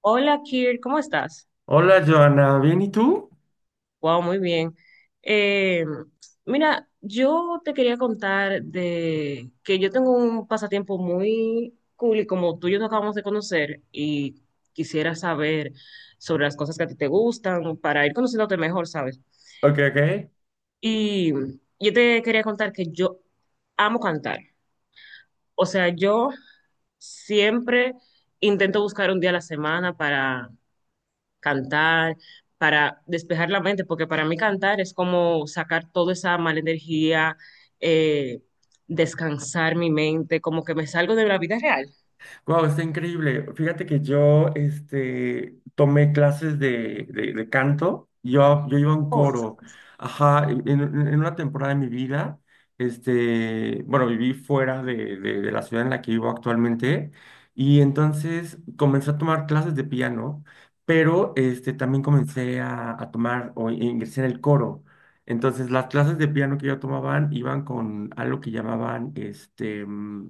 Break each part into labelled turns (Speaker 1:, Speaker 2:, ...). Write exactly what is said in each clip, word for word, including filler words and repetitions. Speaker 1: Hola, Kir, ¿cómo estás?
Speaker 2: Hola, Joana, ¿bien y tú?
Speaker 1: Wow, muy bien. Eh, mira, yo te quería contar de que yo tengo un pasatiempo muy cool y como tú y yo nos acabamos de conocer y quisiera saber sobre las cosas que a ti te gustan para ir conociéndote mejor, ¿sabes?
Speaker 2: Ok, ok.
Speaker 1: Y yo te quería contar que yo amo cantar. O sea, yo siempre intento buscar un día a la semana para cantar, para despejar la mente, porque para mí cantar es como sacar toda esa mala energía, eh, descansar mi mente, como que me salgo de la vida real.
Speaker 2: Wow, está increíble. Fíjate que yo este, tomé clases de, de, de canto. Yo, yo iba a un
Speaker 1: Oh,
Speaker 2: coro. Ajá, en, en- en una temporada de mi vida, este, bueno, viví fuera de, de, de la ciudad en la que vivo actualmente. Y entonces comencé a tomar clases de piano, pero este, también comencé a, a tomar o ingresé en el coro. Entonces, las clases de piano que yo tomaban iban con algo que llamaban este, mm,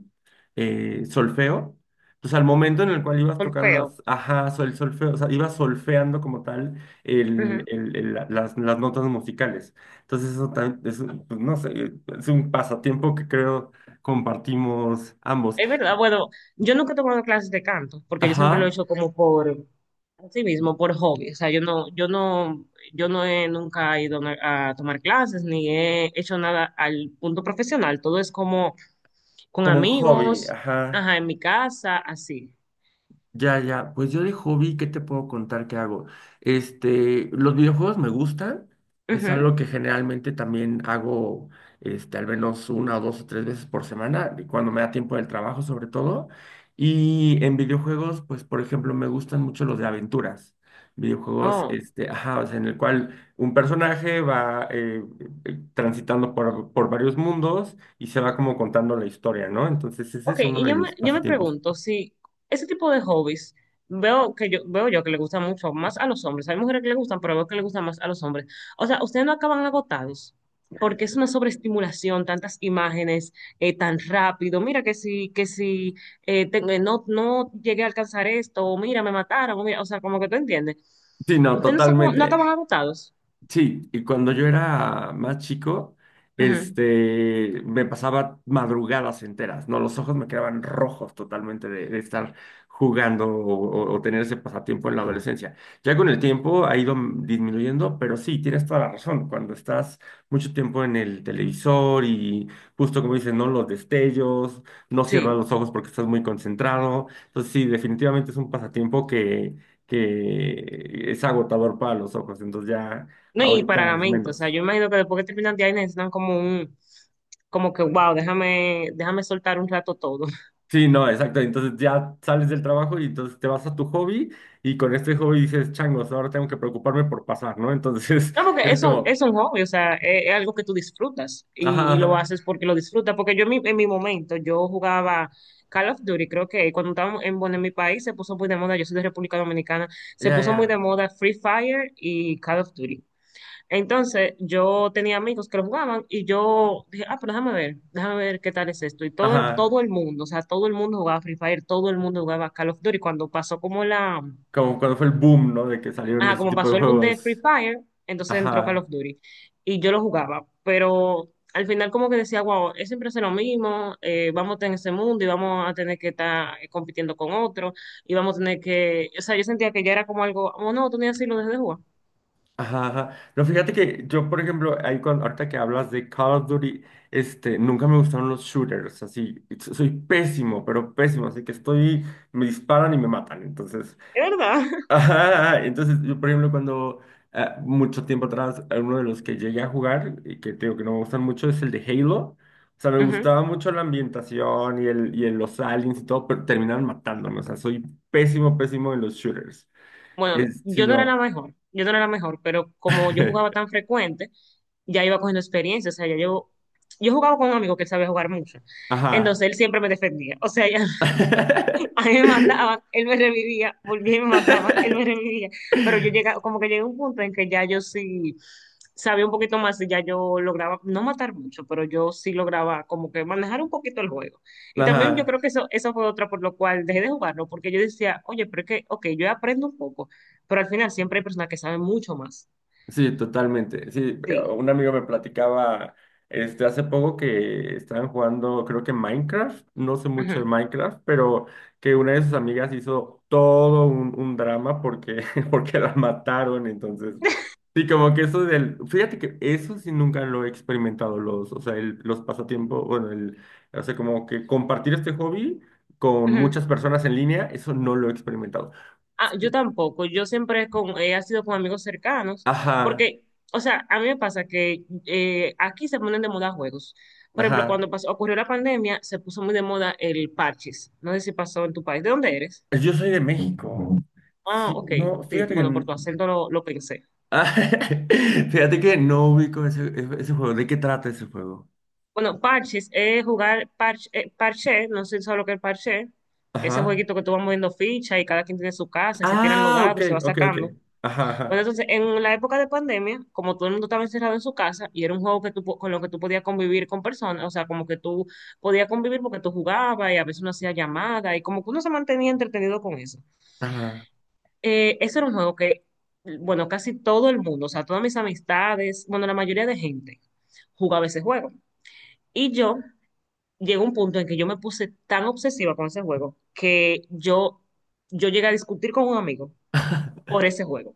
Speaker 2: eh, solfeo. Entonces, al momento en el cual ibas tocando
Speaker 1: solfeo.
Speaker 2: las, ajá, el solfeo, o sea, ibas solfeando como tal el,
Speaker 1: Ujú.
Speaker 2: el- el- la- las, las notas musicales. Entonces, eso también es, un- pues, no sé, es un pasatiempo que creo compartimos ambos.
Speaker 1: Es verdad, bueno, yo nunca he tomado clases de canto, porque yo siempre lo he
Speaker 2: Ajá,
Speaker 1: hecho como por sí mismo, por hobby. O sea, yo no, yo no, yo no he nunca ido a una- a tomar clases, ni he hecho nada al punto profesional. Todo es como con
Speaker 2: como un hobby,
Speaker 1: amigos,
Speaker 2: ajá.
Speaker 1: ajá, en mi casa, así.
Speaker 2: Ya, ya, pues yo de hobby, ¿qué te puedo contar que hago? Este, los videojuegos me gustan, es algo que generalmente también hago, este, al menos una o dos o tres veces por semana, y cuando me da tiempo del trabajo sobre todo. Y en videojuegos, pues por ejemplo, me gustan mucho los de aventuras. Videojuegos,
Speaker 1: Oh,
Speaker 2: este, ajá, o sea, en el cual un personaje va eh, eh, transitando por, por varios mundos y se va como contando la historia, ¿no? Entonces ese
Speaker 1: ok,
Speaker 2: es uno
Speaker 1: y
Speaker 2: de
Speaker 1: yo me,
Speaker 2: mis
Speaker 1: yo me
Speaker 2: pasatiempos.
Speaker 1: pregunto si ese tipo de hobbies, veo que yo, veo yo que le gusta mucho más a los hombres, hay mujeres que le gustan, pero veo que le gustan más a los hombres. O sea, ustedes no acaban agotados, porque es una sobreestimulación, tantas imágenes, eh, tan rápido, mira que si, que si eh, tengo- eh, no, no llegué a alcanzar esto, o mira, me mataron, o mira, o sea, como que tú entiendes.
Speaker 2: Sí, no,
Speaker 1: Ustedes no, se acu- no
Speaker 2: totalmente.
Speaker 1: acaban agotados.
Speaker 2: Sí, y cuando yo era más chico,
Speaker 1: Ujú.
Speaker 2: este, me pasaba madrugadas enteras, ¿no? Los ojos me quedaban rojos totalmente de, de estar jugando o, o- o tener ese pasatiempo en la adolescencia. Ya con el tiempo ha ido m- disminuyendo, pero sí, tienes toda la razón. Cuando estás mucho tiempo en el televisor y justo como dicen, ¿no? Los destellos, no cierras
Speaker 1: Sí.
Speaker 2: los ojos porque estás muy concentrado. Entonces sí, definitivamente es un pasatiempo que, que es agotador para los ojos. Entonces ya...
Speaker 1: No, y para
Speaker 2: Ahorita
Speaker 1: la
Speaker 2: es
Speaker 1: mente, o sea,
Speaker 2: menos.
Speaker 1: yo imagino que después que terminan de ahí necesitan como un, como que, wow, déjame, déjame soltar un rato todo.
Speaker 2: Sí, no, exacto. Entonces ya sales del trabajo y entonces te vas a tu hobby y con este hobby dices, changos, ahora tengo que preocuparme por pasar, ¿no? Entonces
Speaker 1: No, porque
Speaker 2: es
Speaker 1: es un, es
Speaker 2: como,
Speaker 1: un hobby, o sea, es, es algo que tú disfrutas
Speaker 2: ajá,
Speaker 1: y, y lo
Speaker 2: ajá,
Speaker 1: haces porque lo disfrutas, porque yo en mi, en mi momento, yo jugaba Call of Duty, creo que cuando estábamos en, bueno, en mi país se puso muy de moda, yo soy de República Dominicana, se
Speaker 2: ya,
Speaker 1: puso muy de
Speaker 2: ya,
Speaker 1: moda Free Fire y Call of Duty. Entonces, yo tenía amigos que lo jugaban y yo dije, ah, pero déjame ver, déjame ver qué tal es esto. Y todo, el-
Speaker 2: ajá.
Speaker 1: todo el mundo, o sea, todo el mundo jugaba Free Fire, todo el mundo jugaba Call of Duty. Cuando pasó como la,
Speaker 2: Como cuando fue el boom, ¿no? De que salieron
Speaker 1: ah,
Speaker 2: este
Speaker 1: como
Speaker 2: tipo de
Speaker 1: pasó el boom de Free
Speaker 2: juegos.
Speaker 1: Fire, entonces entró Call
Speaker 2: Ajá,
Speaker 1: of Duty y yo lo jugaba. Pero al final como que decía, wow, es siempre hacer lo mismo, eh, vamos a estar en ese mundo y vamos a tener que estar eh, compitiendo con otro y vamos a tener que, o sea, yo sentía que ya era como algo oh, no tenía así lo dejé de jugar.
Speaker 2: ajá, ajá. No, fíjate que yo, por ejemplo, ahí cuando, ahorita que hablas de Call of Duty, este, nunca me gustaron los shooters, así. Soy pésimo, pero pésimo, así que estoy, me disparan y me matan, entonces.
Speaker 1: Es verdad.
Speaker 2: Ajá, entonces yo, por ejemplo, cuando ah, mucho tiempo atrás, a uno de los que llegué a jugar, y que te digo que no me gustan mucho, es el de Halo. O sea, me gustaba mucho la ambientación y, el, y el- los aliens y todo, pero terminaron matándome. O sea, soy pésimo, pésimo en los shooters.
Speaker 1: Bueno,
Speaker 2: Es, si
Speaker 1: yo no era
Speaker 2: no.
Speaker 1: la mejor, yo no era la mejor, pero como yo jugaba tan frecuente, ya iba cogiendo experiencia, o sea, ya yo, yo jugaba con un amigo que él sabía jugar mucho, entonces
Speaker 2: Ajá.
Speaker 1: él siempre me defendía, o sea, A mí me mataban, él me revivía, volvía y me mataban, él me revivía. Pero yo llegaba, como que llegué a un punto en que ya yo sí sabía un poquito más y ya yo lograba, no matar mucho, pero yo sí lograba como que manejar un poquito el juego. Y también yo
Speaker 2: Ajá.
Speaker 1: creo que eso, eso fue otra por lo cual dejé de jugarlo, porque yo decía, oye, pero es que, ok, yo aprendo un poco, pero al final siempre hay personas que saben mucho más.
Speaker 2: Sí, totalmente. Sí,
Speaker 1: Sí.
Speaker 2: un amigo me platicaba este, hace poco que estaban jugando, creo que Minecraft, no sé mucho de
Speaker 1: Ujú,
Speaker 2: Minecraft, pero que una de sus amigas hizo todo un, un drama porque, porque la mataron. Entonces, sí, como que eso del, fíjate que eso sí nunca lo he experimentado, los, o sea, el- los pasatiempos, bueno, el, o sea, como que compartir este hobby con
Speaker 1: ujú.
Speaker 2: muchas personas en línea, eso no lo he experimentado.
Speaker 1: Ah, yo tampoco, yo siempre con, he sido con amigos cercanos,
Speaker 2: Ajá,
Speaker 1: porque, o sea, a mí me pasa que eh, aquí se ponen de moda juegos. Por ejemplo,
Speaker 2: ajá.
Speaker 1: cuando pasó, ocurrió la pandemia, se puso muy de moda el parches. No sé si pasó en tu país. ¿De dónde eres?
Speaker 2: Yo soy de México.
Speaker 1: Ah,
Speaker 2: Sí,
Speaker 1: ok.
Speaker 2: no,
Speaker 1: Sí,
Speaker 2: fíjate que...
Speaker 1: bueno, por
Speaker 2: n-
Speaker 1: tu acento lo, lo pensé.
Speaker 2: Ah, fíjate que no ubico ese, e-, ese juego. ¿De qué trata ese juego?
Speaker 1: Bueno, parches es jugar parche, eh, parche, no sé si sabes lo que es parche. Ese
Speaker 2: Ajá.
Speaker 1: jueguito que tú vas moviendo ficha y cada quien tiene su casa y se tiran los
Speaker 2: Ah,
Speaker 1: dados
Speaker 2: ok,
Speaker 1: y se va
Speaker 2: ok, ok.
Speaker 1: sacando.
Speaker 2: Ajá,
Speaker 1: Bueno,
Speaker 2: ajá.
Speaker 1: entonces, en la época de pandemia, como todo el mundo estaba encerrado en su casa y era un juego que tú, po- con lo que tú podías convivir con personas, o sea, como que tú podías convivir porque tú jugabas y a veces uno hacía llamada y como que uno se mantenía entretenido con eso.
Speaker 2: Ajá.
Speaker 1: Eh, ese era un juego que, bueno, casi todo el mundo, o sea, todas mis amistades, bueno, la mayoría de gente jugaba ese juego. Y yo llegó un punto en que yo me puse tan obsesiva con ese juego que yo, yo llegué a discutir con un amigo por ese juego.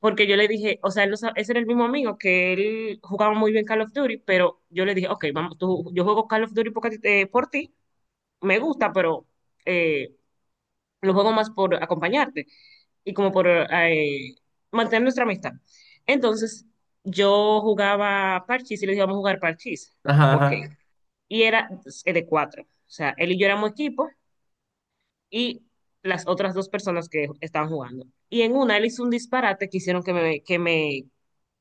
Speaker 1: Porque yo le dije, o sea, él no sa- ese era el mismo amigo que él jugaba muy bien Call of Duty, pero yo le dije, ok, vamos, tú- yo juego Call of Duty porque, a ti te- por ti, me gusta, pero eh, lo juego más por acompañarte y como por eh, mantener nuestra amistad. Entonces, yo jugaba parchís y le dije, vamos a jugar parchís.
Speaker 2: Ajá,
Speaker 1: Ok.
Speaker 2: ajá.
Speaker 1: Y era eh, de cuatro. O sea, él y yo éramos equipo y las otras dos personas que estaban jugando. Y en una él hizo un disparate que hicieron que me, que me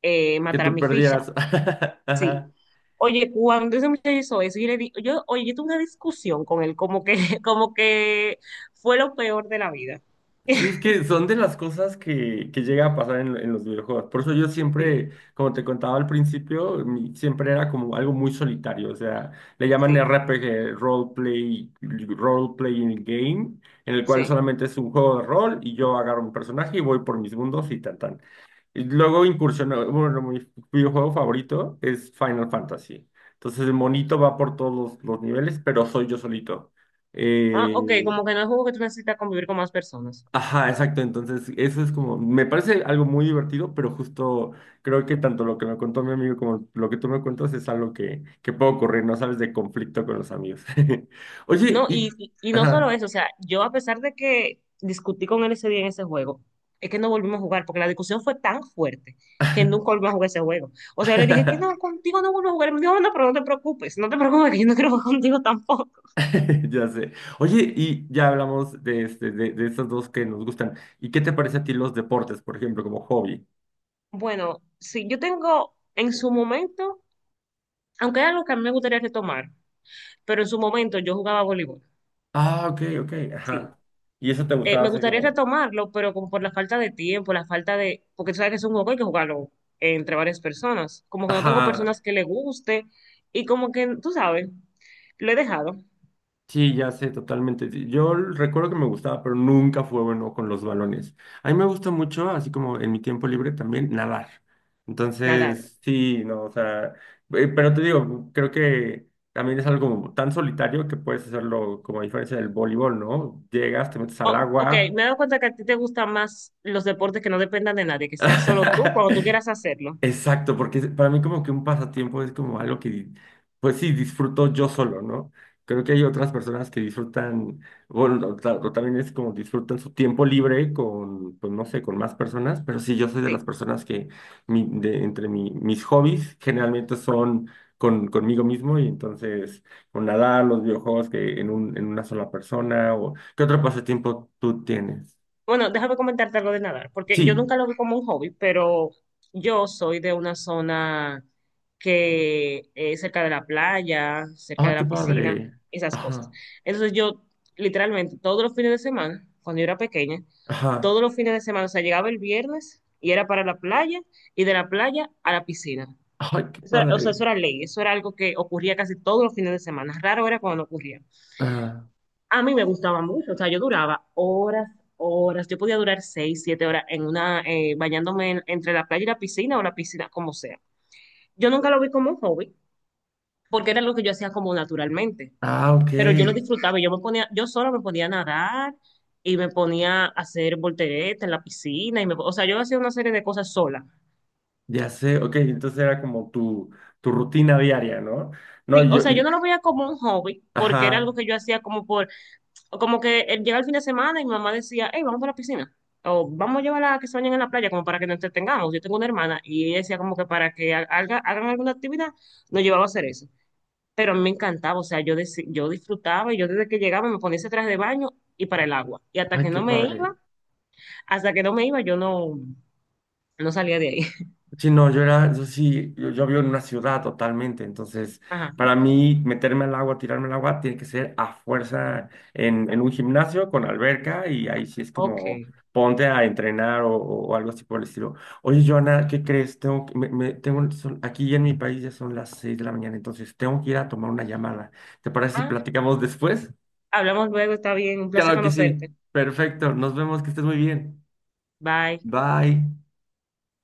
Speaker 1: eh,
Speaker 2: Que
Speaker 1: matara
Speaker 2: tú
Speaker 1: mi ficha.
Speaker 2: perdieras.
Speaker 1: Sí.
Speaker 2: Ajá.
Speaker 1: Oye, cuando ese muchacho hizo eso, yo le di, yo, oye, yo tuve una discusión con él, como que, como que fue lo peor de la vida.
Speaker 2: Sí, es que son de las cosas que, que llega a pasar en, en los videojuegos. Por eso yo
Speaker 1: Sí,
Speaker 2: siempre, como te contaba al principio, mi- siempre era como algo muy solitario. O sea, le llaman
Speaker 1: sí,
Speaker 2: R P G, role play, role playing game, en el cual
Speaker 1: sí.
Speaker 2: solamente es un juego de rol y yo agarro un personaje y voy por mis mundos y tan tan. Y luego incursionó, bueno, mi videojuego favorito es Final Fantasy. Entonces el monito va por todos los, los niveles, pero soy yo solito.
Speaker 1: Ah, ok,
Speaker 2: Eh,
Speaker 1: como que no es juego que tú necesitas convivir con más personas.
Speaker 2: Ajá, exacto. Entonces, eso es como, me parece algo muy divertido, pero justo creo que tanto lo que me contó mi amigo como lo que tú me cuentas es algo que, que puede ocurrir, ¿no sabes? De conflicto con los amigos. Oye,
Speaker 1: No, y,
Speaker 2: y...
Speaker 1: y y no solo
Speaker 2: Ajá.
Speaker 1: eso, o sea, yo a pesar de que discutí con él ese día en ese juego, es que no volvimos a jugar, porque la discusión fue tan fuerte que nunca volvimos a jugar ese juego. O sea, yo le dije que no, contigo no vuelvo a jugar. Y me dijo, no, no, pero no te preocupes, no te preocupes, que yo no quiero jugar contigo tampoco.
Speaker 2: Ya sé. Oye, y ya hablamos de, este, de, de esas dos que nos gustan. ¿Y qué te parece a ti los deportes, por ejemplo, como hobby?
Speaker 1: Bueno, sí, yo tengo en su momento, aunque es algo que a mí me gustaría retomar, pero en su momento yo jugaba voleibol,
Speaker 2: Ah, ok, ok,
Speaker 1: sí.
Speaker 2: ajá. Y eso te
Speaker 1: eh,
Speaker 2: gustaba
Speaker 1: me
Speaker 2: hacer
Speaker 1: gustaría
Speaker 2: como...
Speaker 1: retomarlo, pero como por la falta de tiempo, la falta de, porque tú sabes que es un juego que hay que jugarlo eh, entre varias personas. Como que no tengo
Speaker 2: Ajá.
Speaker 1: personas que le guste y como que, tú sabes, lo he dejado
Speaker 2: Sí, ya sé, totalmente. Sí. Yo recuerdo que me gustaba, pero nunca fue bueno con los balones. A mí me gusta mucho, así como en mi tiempo libre también, nadar.
Speaker 1: nadar.
Speaker 2: Entonces, sí, no, o sea, eh, pero te digo, creo que también es algo como tan solitario que puedes hacerlo como a diferencia del voleibol, ¿no? Llegas, te metes al
Speaker 1: Oh, ok,
Speaker 2: agua.
Speaker 1: me he dado cuenta que a ti te gustan más los deportes que no dependan de nadie, que sea solo tú cuando tú quieras hacerlo.
Speaker 2: Exacto, porque es- para mí como que un pasatiempo es como algo que, di- pues sí, disfruto yo solo, ¿no? Creo que hay otras personas que disfrutan, bueno, o, ta- o también es como disfrutan su tiempo libre con, pues no sé, con más personas, pero sí, yo soy de las
Speaker 1: Sí.
Speaker 2: personas que mi- de, entre mi- mis hobbies generalmente son con, conmigo mismo y entonces o nadar, los videojuegos que en un, en una sola persona o ¿qué otro pasatiempo tú tienes?
Speaker 1: Bueno, déjame comentarte algo de nadar, porque yo
Speaker 2: Sí,
Speaker 1: nunca lo vi como un hobby, pero yo soy de una zona que es cerca de la playa, cerca
Speaker 2: ah,
Speaker 1: de
Speaker 2: qué
Speaker 1: la piscina,
Speaker 2: padre.
Speaker 1: esas cosas.
Speaker 2: Ajá,
Speaker 1: Entonces yo, literalmente, todos los fines de semana, cuando yo era pequeña,
Speaker 2: ajá.
Speaker 1: todos los fines de semana, o sea, llegaba el viernes y era para la playa y de la playa a la piscina.
Speaker 2: Ay, qué
Speaker 1: Eso era- o sea,
Speaker 2: padre.
Speaker 1: eso era ley, eso era algo que ocurría casi todos los fines de semana. Raro era cuando no ocurría.
Speaker 2: Ah,
Speaker 1: A mí me gustaba mucho, o sea, yo duraba horas, horas, yo podía durar seis, siete horas en una, eh, bañándome en- entre la playa y la piscina o la piscina, como sea. Yo nunca lo vi como un hobby, porque era lo que yo hacía como naturalmente,
Speaker 2: ah,
Speaker 1: pero yo lo
Speaker 2: ok.
Speaker 1: disfrutaba, y yo me ponía, yo solo me ponía a nadar y me ponía a hacer volteretas en la piscina, y me, o sea, yo hacía una serie de cosas sola.
Speaker 2: Ya sé. Ok, entonces era como tu, tu rutina diaria, ¿no? No,
Speaker 1: Sí, o
Speaker 2: yo,
Speaker 1: sea, yo
Speaker 2: y-
Speaker 1: no lo veía como un hobby, porque era algo
Speaker 2: ajá.
Speaker 1: que yo hacía como por como que él llega el fin de semana y mi mamá decía, hey, vamos a la piscina. O vamos a llevarla a que se bañen en la playa, como para que nos entretengamos. Yo tengo una hermana y ella decía como que para que ha- haga- hagan alguna actividad, nos llevaba a hacer eso. Pero a mí me encantaba, o sea, yo, deci- yo disfrutaba y yo desde que llegaba me ponía ese traje de baño y para el agua. Y hasta
Speaker 2: Ay,
Speaker 1: que
Speaker 2: qué
Speaker 1: no me iba,
Speaker 2: padre.
Speaker 1: hasta que no me iba, yo no, no salía de ahí.
Speaker 2: Sí, no, yo era, yo sí, yo, yo vivo en una ciudad totalmente, entonces
Speaker 1: Ajá,
Speaker 2: para mí meterme al agua, tirarme al agua, tiene que ser a fuerza en, en un gimnasio con alberca y ahí sí es
Speaker 1: ok.
Speaker 2: como ponte a entrenar o, o- o algo así por el estilo. Oye, Joana, ¿qué crees? Tengo, que- me, me- tengo, son- aquí en mi país ya son las seis de la mañana, entonces tengo que ir a tomar una llamada. ¿Te parece si
Speaker 1: Ah,
Speaker 2: platicamos después?
Speaker 1: hablamos luego, está bien, un placer
Speaker 2: Claro que
Speaker 1: conocerte.
Speaker 2: sí, perfecto, nos vemos, que estés muy bien.
Speaker 1: Bye.
Speaker 2: Bye.